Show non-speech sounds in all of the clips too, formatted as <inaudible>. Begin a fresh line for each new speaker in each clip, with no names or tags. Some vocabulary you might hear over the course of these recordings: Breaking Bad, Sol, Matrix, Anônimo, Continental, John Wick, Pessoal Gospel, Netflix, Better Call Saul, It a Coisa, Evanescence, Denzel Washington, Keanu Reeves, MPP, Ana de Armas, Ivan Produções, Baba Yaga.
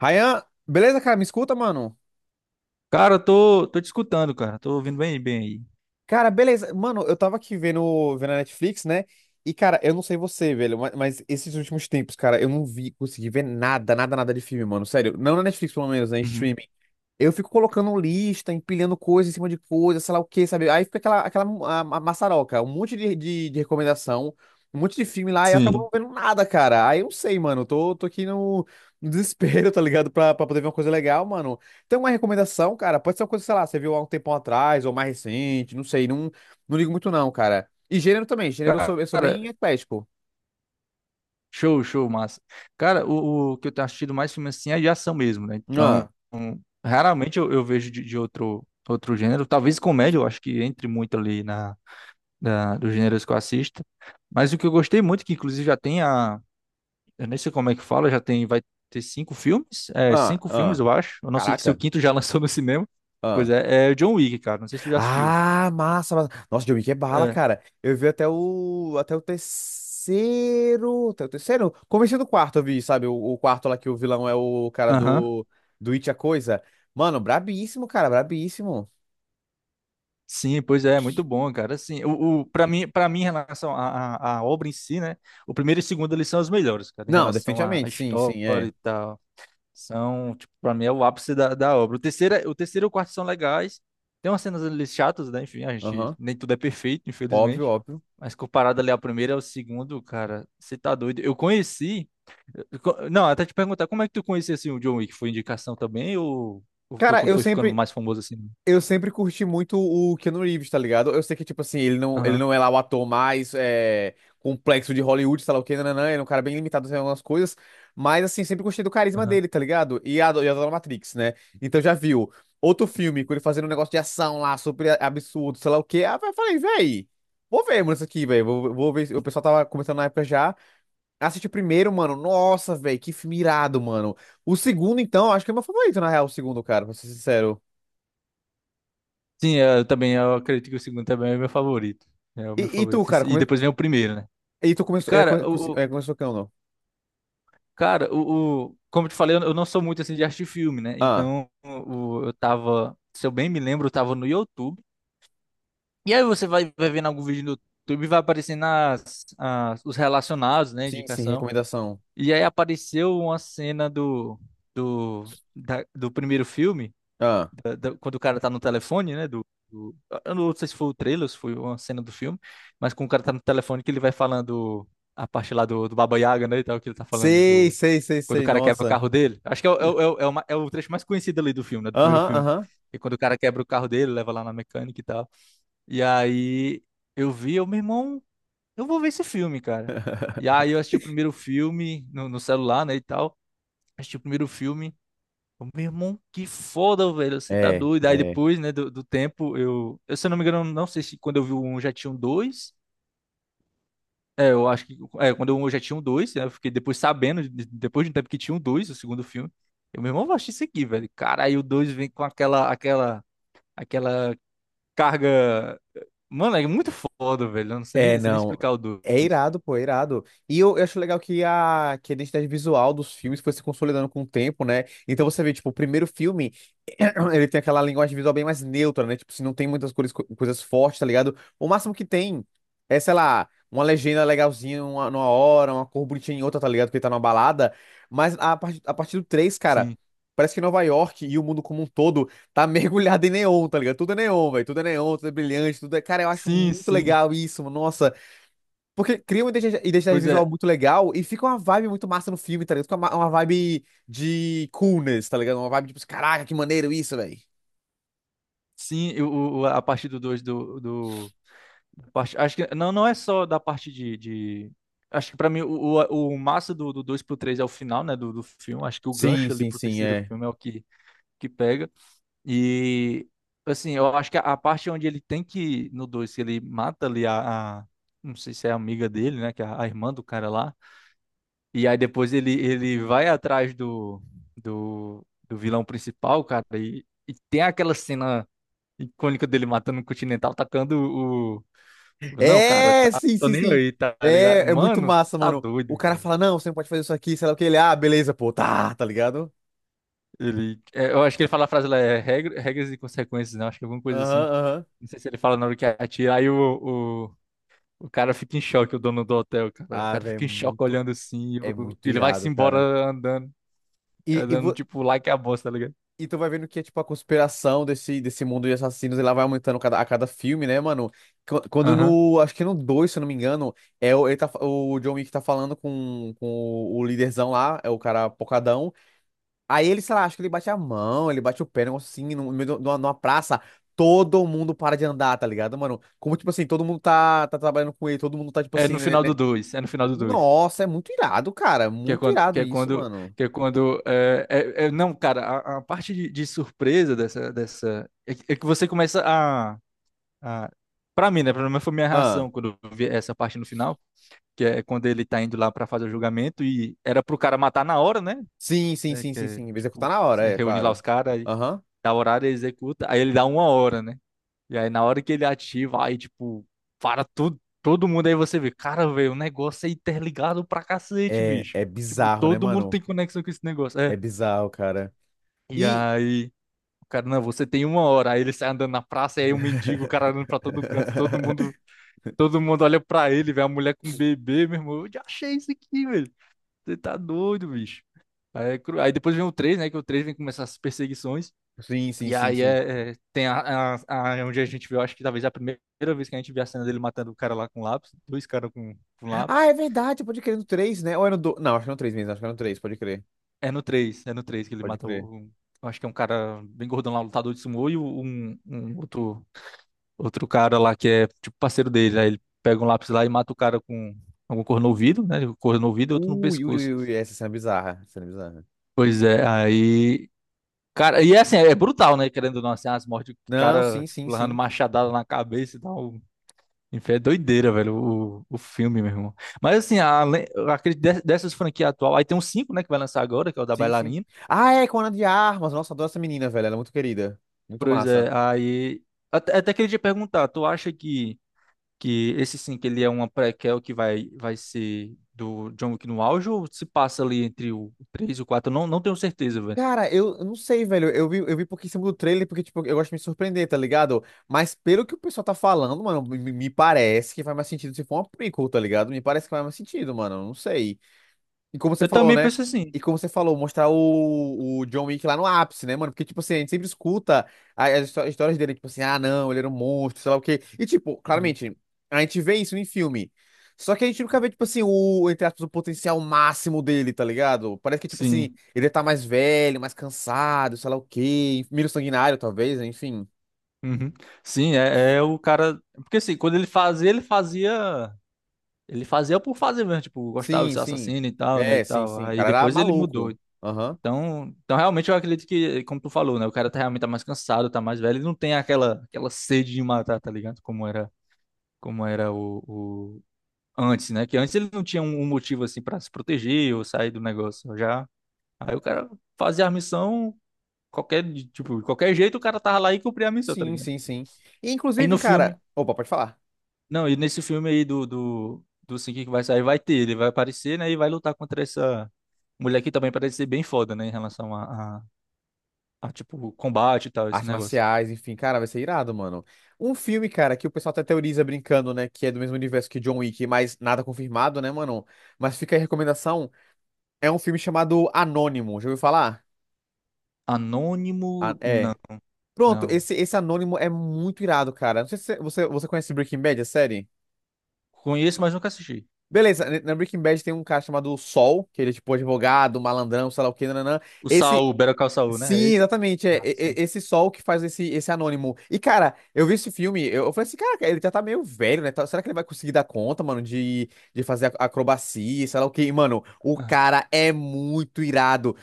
Ryan, beleza, cara? Me escuta, mano?
Cara, eu tô te escutando, cara. Tô ouvindo bem aí.
Cara, beleza. Mano, eu tava aqui vendo a Netflix, né? E, cara, eu não sei você, velho, mas esses últimos tempos, cara, eu não vi, consegui ver nada, nada, nada de filme, mano. Sério, não na Netflix, pelo menos, né? Em
Uhum.
streaming. Eu fico colocando lista, empilhando coisa em cima de coisa, sei lá o quê, sabe? Aí fica aquela, aquela a maçaroca, um monte de recomendação, um monte de filme lá, e eu acabo não
Sim.
vendo nada, cara. Aí eu não sei, mano. Tô aqui no desespero, <laughs> tá ligado? Pra poder ver uma coisa legal, mano. Tem uma recomendação, cara? Pode ser uma coisa, sei lá, você viu há um tempão atrás, ou mais recente, não sei. Não, não ligo muito, não, cara. E gênero também. Gênero
Cara,
eu sou bem eclético.
show, show, massa. Cara, o que eu tenho assistido mais filme assim é de ação mesmo, né?
Ah,
Então, raramente eu vejo de outro gênero. Talvez comédia, eu acho que entre muito ali na dos gêneros que eu assisto. Mas o que eu gostei muito, que inclusive já tem a. Eu nem sei como é que fala, já tem. Vai ter cinco filmes? É,
ah,
cinco filmes,
ah.
eu acho. Eu não sei se o
Caraca.
quinto já <laughs> lançou no cinema. Pois é, é o John Wick, cara. Não sei se tu já assistiu.
Ah, massa, massa. Nossa, John Wick é bala,
É.
cara. Eu vi até o terceiro, comecei do quarto, eu vi, sabe? O quarto lá que o vilão é o cara
Aham.
do It a Coisa. Mano, brabíssimo, cara, brabíssimo.
Sim, pois é, muito bom, cara. Assim, o para mim em relação à obra em si, né? O primeiro e o segundo eles são os melhores, cara, em
Não,
relação à
definitivamente, sim, sim,
história
é.
e tal. São, tipo, para mim é o ápice da obra. O terceiro, o terceiro e o quarto são legais. Tem umas cenas ali chatas, né? Enfim, a gente,
Aham,
nem tudo é perfeito,
óbvio,
infelizmente.
óbvio.
Mas comparado ali ao primeiro e ao segundo, cara, você tá doido. Eu conheci, não, até te perguntar, como é que tu conhecia assim o John Wick? Foi indicação também ou foi
Cara,
quando
eu
foi ficando
sempre,
mais famoso assim?
Eu sempre curti muito o Keanu Reeves, tá ligado? Eu sei que, tipo assim, ele
Aham.
não é lá o ator mais é, complexo de Hollywood, sei lá o quê, nananã, ele é um cara bem limitado em algumas coisas, mas, assim, sempre gostei do carisma dele, tá ligado? E a e adoro Matrix, né? Então já viu outro filme com ele fazendo um negócio de ação lá, super absurdo, sei lá o quê. Ah, eu falei, véi, vou ver, mano, isso aqui, véi, vou ver. O pessoal tava comentando na época já. Assisti o primeiro, mano, nossa, véi, que filme irado, mano. O segundo, então, acho que é meu favorito, na real, o segundo, cara, pra ser sincero.
Sim, é, eu também, eu acredito que o segundo também é o meu favorito. É o
E,
meu
e tu,
favorito.
cara,
E depois vem o primeiro, né?
E tu
E,
começou. É,
Cara, o, o-
começou que não?
cara, como eu te falei, eu não sou muito assim de assistir filme, né?
Ah,
Então, eu tava, se eu bem me lembro, eu tava no YouTube. E aí você vai, vai vendo algum vídeo no YouTube e vai aparecendo as, os relacionados, né?
sim, sim,
Indicação.
recomendação.
E aí apareceu uma cena do, do primeiro filme.
Ah,
Quando o cara tá no telefone, né? Do, eu não sei se foi o trailer, se foi uma cena do filme, mas quando o cara tá no telefone que ele vai falando a parte lá do, Baba Yaga, né? E tal, que ele tá falando
sei,
do.
sei, sei,
Quando o
sei,
cara quebra o
nossa.
carro dele. Acho que o é o ma- é o trecho mais conhecido ali do filme, né? Do primeiro
Aham,
filme.
aham.
E quando o cara quebra o carro dele, leva lá na mecânica e tal. E aí eu vi, eu, meu irmão, eu vou ver esse filme, cara. E aí eu assisti o primeiro filme no celular, né? E tal. Assisti o primeiro filme. Eu, meu irmão, que foda, velho. Você tá
É,
doido. Aí
é.
depois, né, do tempo, eu, eu. Se eu não me engano, não sei se quando eu vi o 1 já tinha um dois. É, eu acho que. É, quando eu já tinha um dois, né? Eu fiquei depois sabendo, depois de um tempo que tinha um 2 o segundo filme. Eu, meu irmão, vou assistir isso aqui, velho. Cara, aí o 2 vem com aquela, aquela carga. Mano, é muito foda, velho. Eu não sei
É,
nem, sei nem
não.
explicar o dois.
É irado, pô, é irado. Eu acho legal que que a identidade visual dos filmes foi se consolidando com o tempo, né? Então você vê, tipo, o primeiro filme,
Uhum.
<clears throat> ele tem aquela linguagem visual bem mais neutra, né? Tipo, se não tem muitas cores, coisas fortes, tá ligado? O máximo que tem é, sei lá, uma legenda legalzinha numa hora, uma cor bonitinha em outra, tá ligado? Porque tá numa balada. Mas a partir do 3, cara,
Sim.
parece que Nova York e o mundo como um todo tá <laughs> mergulhado em neon, tá ligado? Tudo é neon, velho. Tudo é neon, tudo é brilhante, tudo é. Cara, eu acho
Sim,
muito
sim.
legal isso, mano. Nossa. Porque cria uma identidade
Pois é.
visual muito legal e fica uma vibe muito massa no filme, tá ligado? Fica uma vibe de coolness, tá ligado? Uma vibe tipo, caraca, que maneiro isso, velho.
Sim, eu, a partir do 2 Acho que não, não é só da parte Acho que pra mim o massa do 2 pro 3 é o final, né, do filme. Acho que o
Sim,
gancho ali
sim,
pro
sim,
terceiro
é.
filme é o que, pega. E, assim, eu acho que a parte onde ele tem que... No 2 que ele mata ali a, Não sei se é a amiga dele, né, que é a, irmã do cara lá. E aí depois ele, ele vai atrás do, do vilão principal, cara. E tem aquela cena icônica dele matando o Continental, tacando não, cara,
É,
tá,
sim,
tô
sim,
nem
sim.
aí, tá ligado?
É, é muito
Mano, você
massa,
tá
mano. O
doido,
cara
velho.
fala, não, você não pode fazer isso aqui, sei lá o que. Ele, ah, beleza, pô, tá, tá ligado?
Ele, é, eu acho que ele fala a frase lá, é regras e consequências, não. Acho que é alguma coisa assim.
Aham, aham.
Não sei se ele fala na hora que atira, aí o cara fica em choque, o dono do hotel, cara. O
Ah,
cara
velho,
fica em choque olhando assim,
é muito
ele vai-se
irado,
embora
cara.
andando,
E, e vo-
tipo lá que é a bosta, tá ligado?
E tu vai vendo que é tipo a conspiração desse mundo de assassinos, ela vai aumentando cada, a cada filme, né, mano? Quando
Aham.
no. Acho que no dois, se eu não me engano, é o, ele tá, o John Wick tá falando com o líderzão lá, é o cara pocadão. Aí ele, sei lá, acho que ele bate a mão, ele bate o pé, um negócio assim, no meio de uma numa praça. Todo mundo para de andar, tá ligado, mano? Como, tipo assim, todo mundo tá, tá trabalhando com ele, todo mundo tá, tipo
É
assim,
no
né,
final
né?
do dois, é no final do dois.
Nossa, é muito irado, cara.
Que é
Muito
quando, que
irado
é
isso,
quando,
mano.
que é quando, não, cara, a parte de surpresa é que você começa a. Ah, para mim, né? Pelo menos foi minha reação quando eu vi essa parte no final, que é quando ele tá indo lá pra fazer o julgamento e era pro cara matar na hora, né?
Sim, sim,
É,
sim,
que
sim,
é,
sim. Executar
tipo,
na hora,
se
é,
reúne lá os
claro.
caras, aí
Aham.
dá horário, ele executa, aí ele dá uma hora, né? E aí na hora que ele ativa, aí tipo, para tudo, todo mundo, aí você vê, cara, velho, o negócio é interligado pra cacete,
É,
bicho.
é
Tipo,
bizarro, né,
todo mundo
mano?
tem conexão com esse negócio. É.
É bizarro, cara.
E
E.
aí, o cara, não, você tem uma hora. Aí ele sai andando na praça, e aí um mendigo, o cara andando pra todo canto, todo mundo.
<laughs>
Todo mundo olha pra ele, vê a mulher com bebê, meu irmão. Eu já achei isso aqui, velho. Você tá doido, bicho. Aí, aí depois vem o três, né? Que o 3 vem começar as perseguições.
Sim, sim,
E
sim,
aí
sim.
é, tem onde a gente viu, acho que talvez a primeira vez que a gente viu a cena dele matando o cara lá com lápis. Dois caras com,
Ah,
lápis.
é verdade, pode crer no três, né? Ou era no dois. Não, acho que era no 3 mesmo, acho que era no 3, pode crer.
É no três, é no 3 que ele
Pode
mata
crer.
Acho que é um cara bem gordão lá, lutador de sumô, um outro cara lá que é tipo parceiro dele. Aí ele pega um lápis lá e mata o cara com algum cor no ouvido, né? Cor no ouvido e outro no
Ui, ui,
pescoço.
ui, ui, essa cena é bizarra. Essa cena é bizarra.
Pois é, aí. Cara, e é assim, é brutal, né? Querendo ou não, assim, as mortes, o
Não,
cara,
sim, sim,
tipo, levando
sim.
machadada na cabeça e tal. Enfim, é doideira, velho, o filme, meu irmão. Mas assim, além, eu acredito dessas franquias atual, aí tem um cinco, né, que vai lançar agora, que é o da
Sim, sim.
bailarina.
Ah, é, com a Ana de Armas. Nossa, adoro essa menina, velho. Ela é muito querida. Muito
Pois
massa.
é, aí. Até, até queria te perguntar, tu acha que, esse 5 ele é uma prequel que vai, vai ser do John Wick no auge ou se passa ali entre o 3 e o 4? Eu não, não tenho certeza, velho.
Cara, eu não sei, velho. Eu vi porque em cima do trailer, porque, tipo, eu gosto de me surpreender, tá ligado? Mas pelo que o pessoal tá falando, mano, me parece que faz mais sentido se for uma prequel, tá ligado? Me parece que faz mais sentido, mano. Eu Não sei. E como você
Eu
falou,
também
né?
penso assim.
E como você falou, mostrar o John Wick lá no ápice, né, mano? Porque, tipo assim, a gente sempre escuta histórias dele, tipo assim, ah, não, ele era um monstro, sei lá o quê. E, tipo,
Uhum.
claramente, a gente vê isso em filme. Só que a gente nunca vê, tipo assim, o, entre aspas, o potencial máximo dele, tá ligado? Parece que, tipo assim,
Sim.
ele tá mais velho, mais cansado, sei lá o quê, menos sanguinário, talvez, né, enfim.
Uhum. Sim, é, é o cara. Porque assim, quando ele fazia, ele fazia. Ele fazia por fazer mesmo, tipo, gostava de
Sim,
ser
sim.
assassino e tal, né? E
É, sim,
tal.
sim. O
Aí
cara era
depois ele mudou.
maluco. Aham.
Então, então realmente eu acredito que, como tu falou, né? O cara tá realmente tá mais cansado, tá mais velho, ele não tem aquela, sede de matar, tá ligado? Como era antes, né? Que antes ele não tinha um, motivo assim pra se proteger ou sair do negócio. Já. Aí o cara fazia a missão, qualquer, tipo, de qualquer jeito o cara tava lá e cumpria a missão, tá
Sim,
ligado?
sim, sim. E,
E
inclusive,
no filme.
cara. Opa, pode falar.
Não, e nesse filme aí do, do Sing que vai sair, vai ter, ele vai aparecer, né? E vai lutar contra essa mulher que também parece ser bem foda, né? Em relação a, tipo, combate e tal, esse
Artes
negócio.
marciais, enfim, cara, vai ser irado, mano. Um filme, cara, que o pessoal até teoriza brincando, né, que é do mesmo universo que John Wick, mas nada confirmado, né, mano? Mas fica aí a recomendação, é um filme chamado Anônimo, já ouviu falar? Ah,
Anônimo, não,
é. Pronto,
não.
esse Anônimo é muito irado, cara. Não sei se você conhece Breaking Bad, a série?
Conheço, mas nunca assisti.
Beleza, na Breaking Bad tem um cara chamado Sol, que ele é tipo advogado, malandrão, sei lá o que, nananã.
O
Esse,
Saul, Better Call Saul, né? É
sim,
isso?
exatamente. É,
Ah, sim.
é esse sol que faz esse anônimo. E, cara, eu vi esse filme, eu falei assim, cara, ele já tá meio velho, né? Será que ele vai conseguir dar conta, mano, de fazer acrobacia, sei lá o quê? E, mano, o
Ah,
cara é muito irado.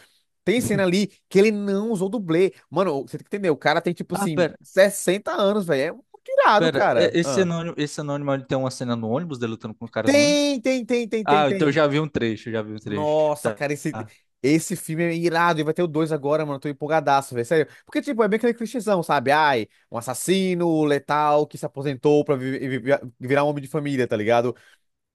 Tem cena ali que ele não usou dublê. Mano, você tem que entender, o cara tem, tipo
Ah,
assim,
pera,
60 anos, velho. É muito irado,
pera.
cara.
Esse
Ah.
anônimo, esse anônimo ele tem uma cena no ônibus, dele lutando com o cara no ônibus?
Tem, tem, tem, tem, tem,
Ah, então eu
tem.
já vi um trecho, já vi um trecho.
Nossa,
Tá.
cara, esse filme é irado. E vai ter o 2 agora, mano. Eu Tô empolgadaço, velho. Sério. Porque, tipo, é bem aquele clichêzão, sabe? Ai, um assassino letal que se aposentou pra virar um homem de família, tá ligado?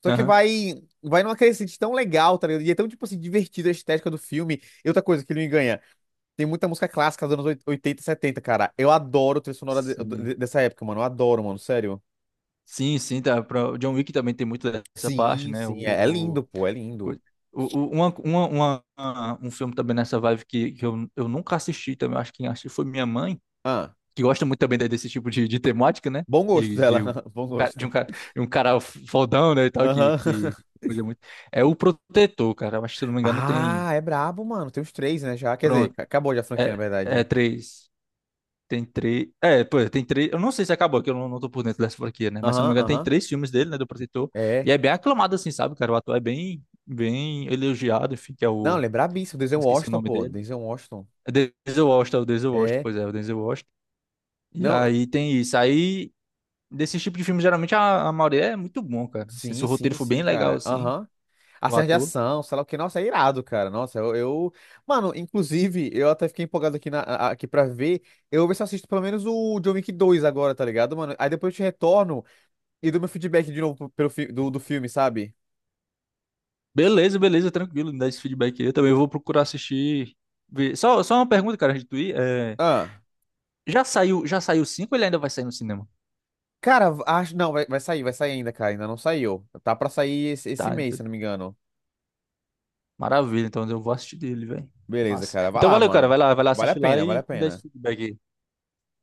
Só que
Aham.
vai numa crescente tão legal, tá ligado? E é tão, tipo assim, divertida a estética do filme. E outra coisa que ele me ganha. Tem muita música clássica dos anos 80 e 70, cara. Eu adoro a trilha sonora
Sim.
dessa época, mano. Eu adoro, mano. Sério.
Sim, sim, tá, pra, o John Wick também tem muito dessa parte,
Sim,
né?
sim. É, é lindo, pô. É
O,
lindo.
coi- o- um filme também nessa vibe que, eu, nunca assisti também, eu acho que quem assistiu foi minha mãe,
Ah,
que gosta muito também desse tipo de temática, né?
bom gosto
De,
dela.
de, um
<laughs> Bom
cara- de
gosto.
um cara, de um cara fodão, né, e tal, que,
Aham.
coisa muito. É o Protetor, cara, eu acho que se eu não me engano tem.
Ah, é brabo, mano. Tem os três, né? Já. Quer dizer,
Pronto,
acabou já a franquia, na
é, é
verdade.
três. Tem três. É, pô, tem três. Eu não sei se acabou, que eu não tô por dentro dessa franquia, né? Mas se eu não me
Aham,
engano, tem
aham.
três filmes dele, né? Do Protetor. E
É.
é bem aclamado, assim, sabe, cara? O ator é bem, bem elogiado, enfim, que é
Não,
o.
ele é brabíssimo. Denzel
Não esqueci o
Washington,
nome
pô.
dele.
Denzel Washington.
É Denzel Washington, é o Denzel Washington,
É.
pois é, o Denzel Washington. E
Não,
aí tem isso. Aí, desse tipo de filme, geralmente a maioria é muito bom, cara. Se
sim,
o roteiro
sim,
for bem
sim,
legal,
cara.
assim,
Aham. A
o
cena de
ator.
ação, sei lá o que. Nossa, é irado, cara. Mano, inclusive, eu até fiquei empolgado aqui, aqui pra ver. Eu vou ver se eu assisto pelo menos o John Wick 2 agora, tá ligado, mano? Aí depois eu te retorno e dou meu feedback de novo do filme, sabe?
Beleza, beleza, tranquilo, me dá esse feedback aí. Eu também vou procurar assistir. Ver. Só uma pergunta, cara, antes de tu ir. É,
Ah.
já saiu, já saiu cinco ou ele ainda vai sair no cinema?
Cara, acho. Não, vai sair ainda, cara. Ainda não saiu. Tá pra sair esse, esse
Tá,
mês, se eu não me engano.
maravilha. Então eu vou assistir dele, velho.
Beleza,
Massa.
cara. Vai
Então
lá,
valeu, cara.
mano.
Vai lá
Vale a
assistir lá
pena, vale a
e me dá esse
pena.
feedback aí.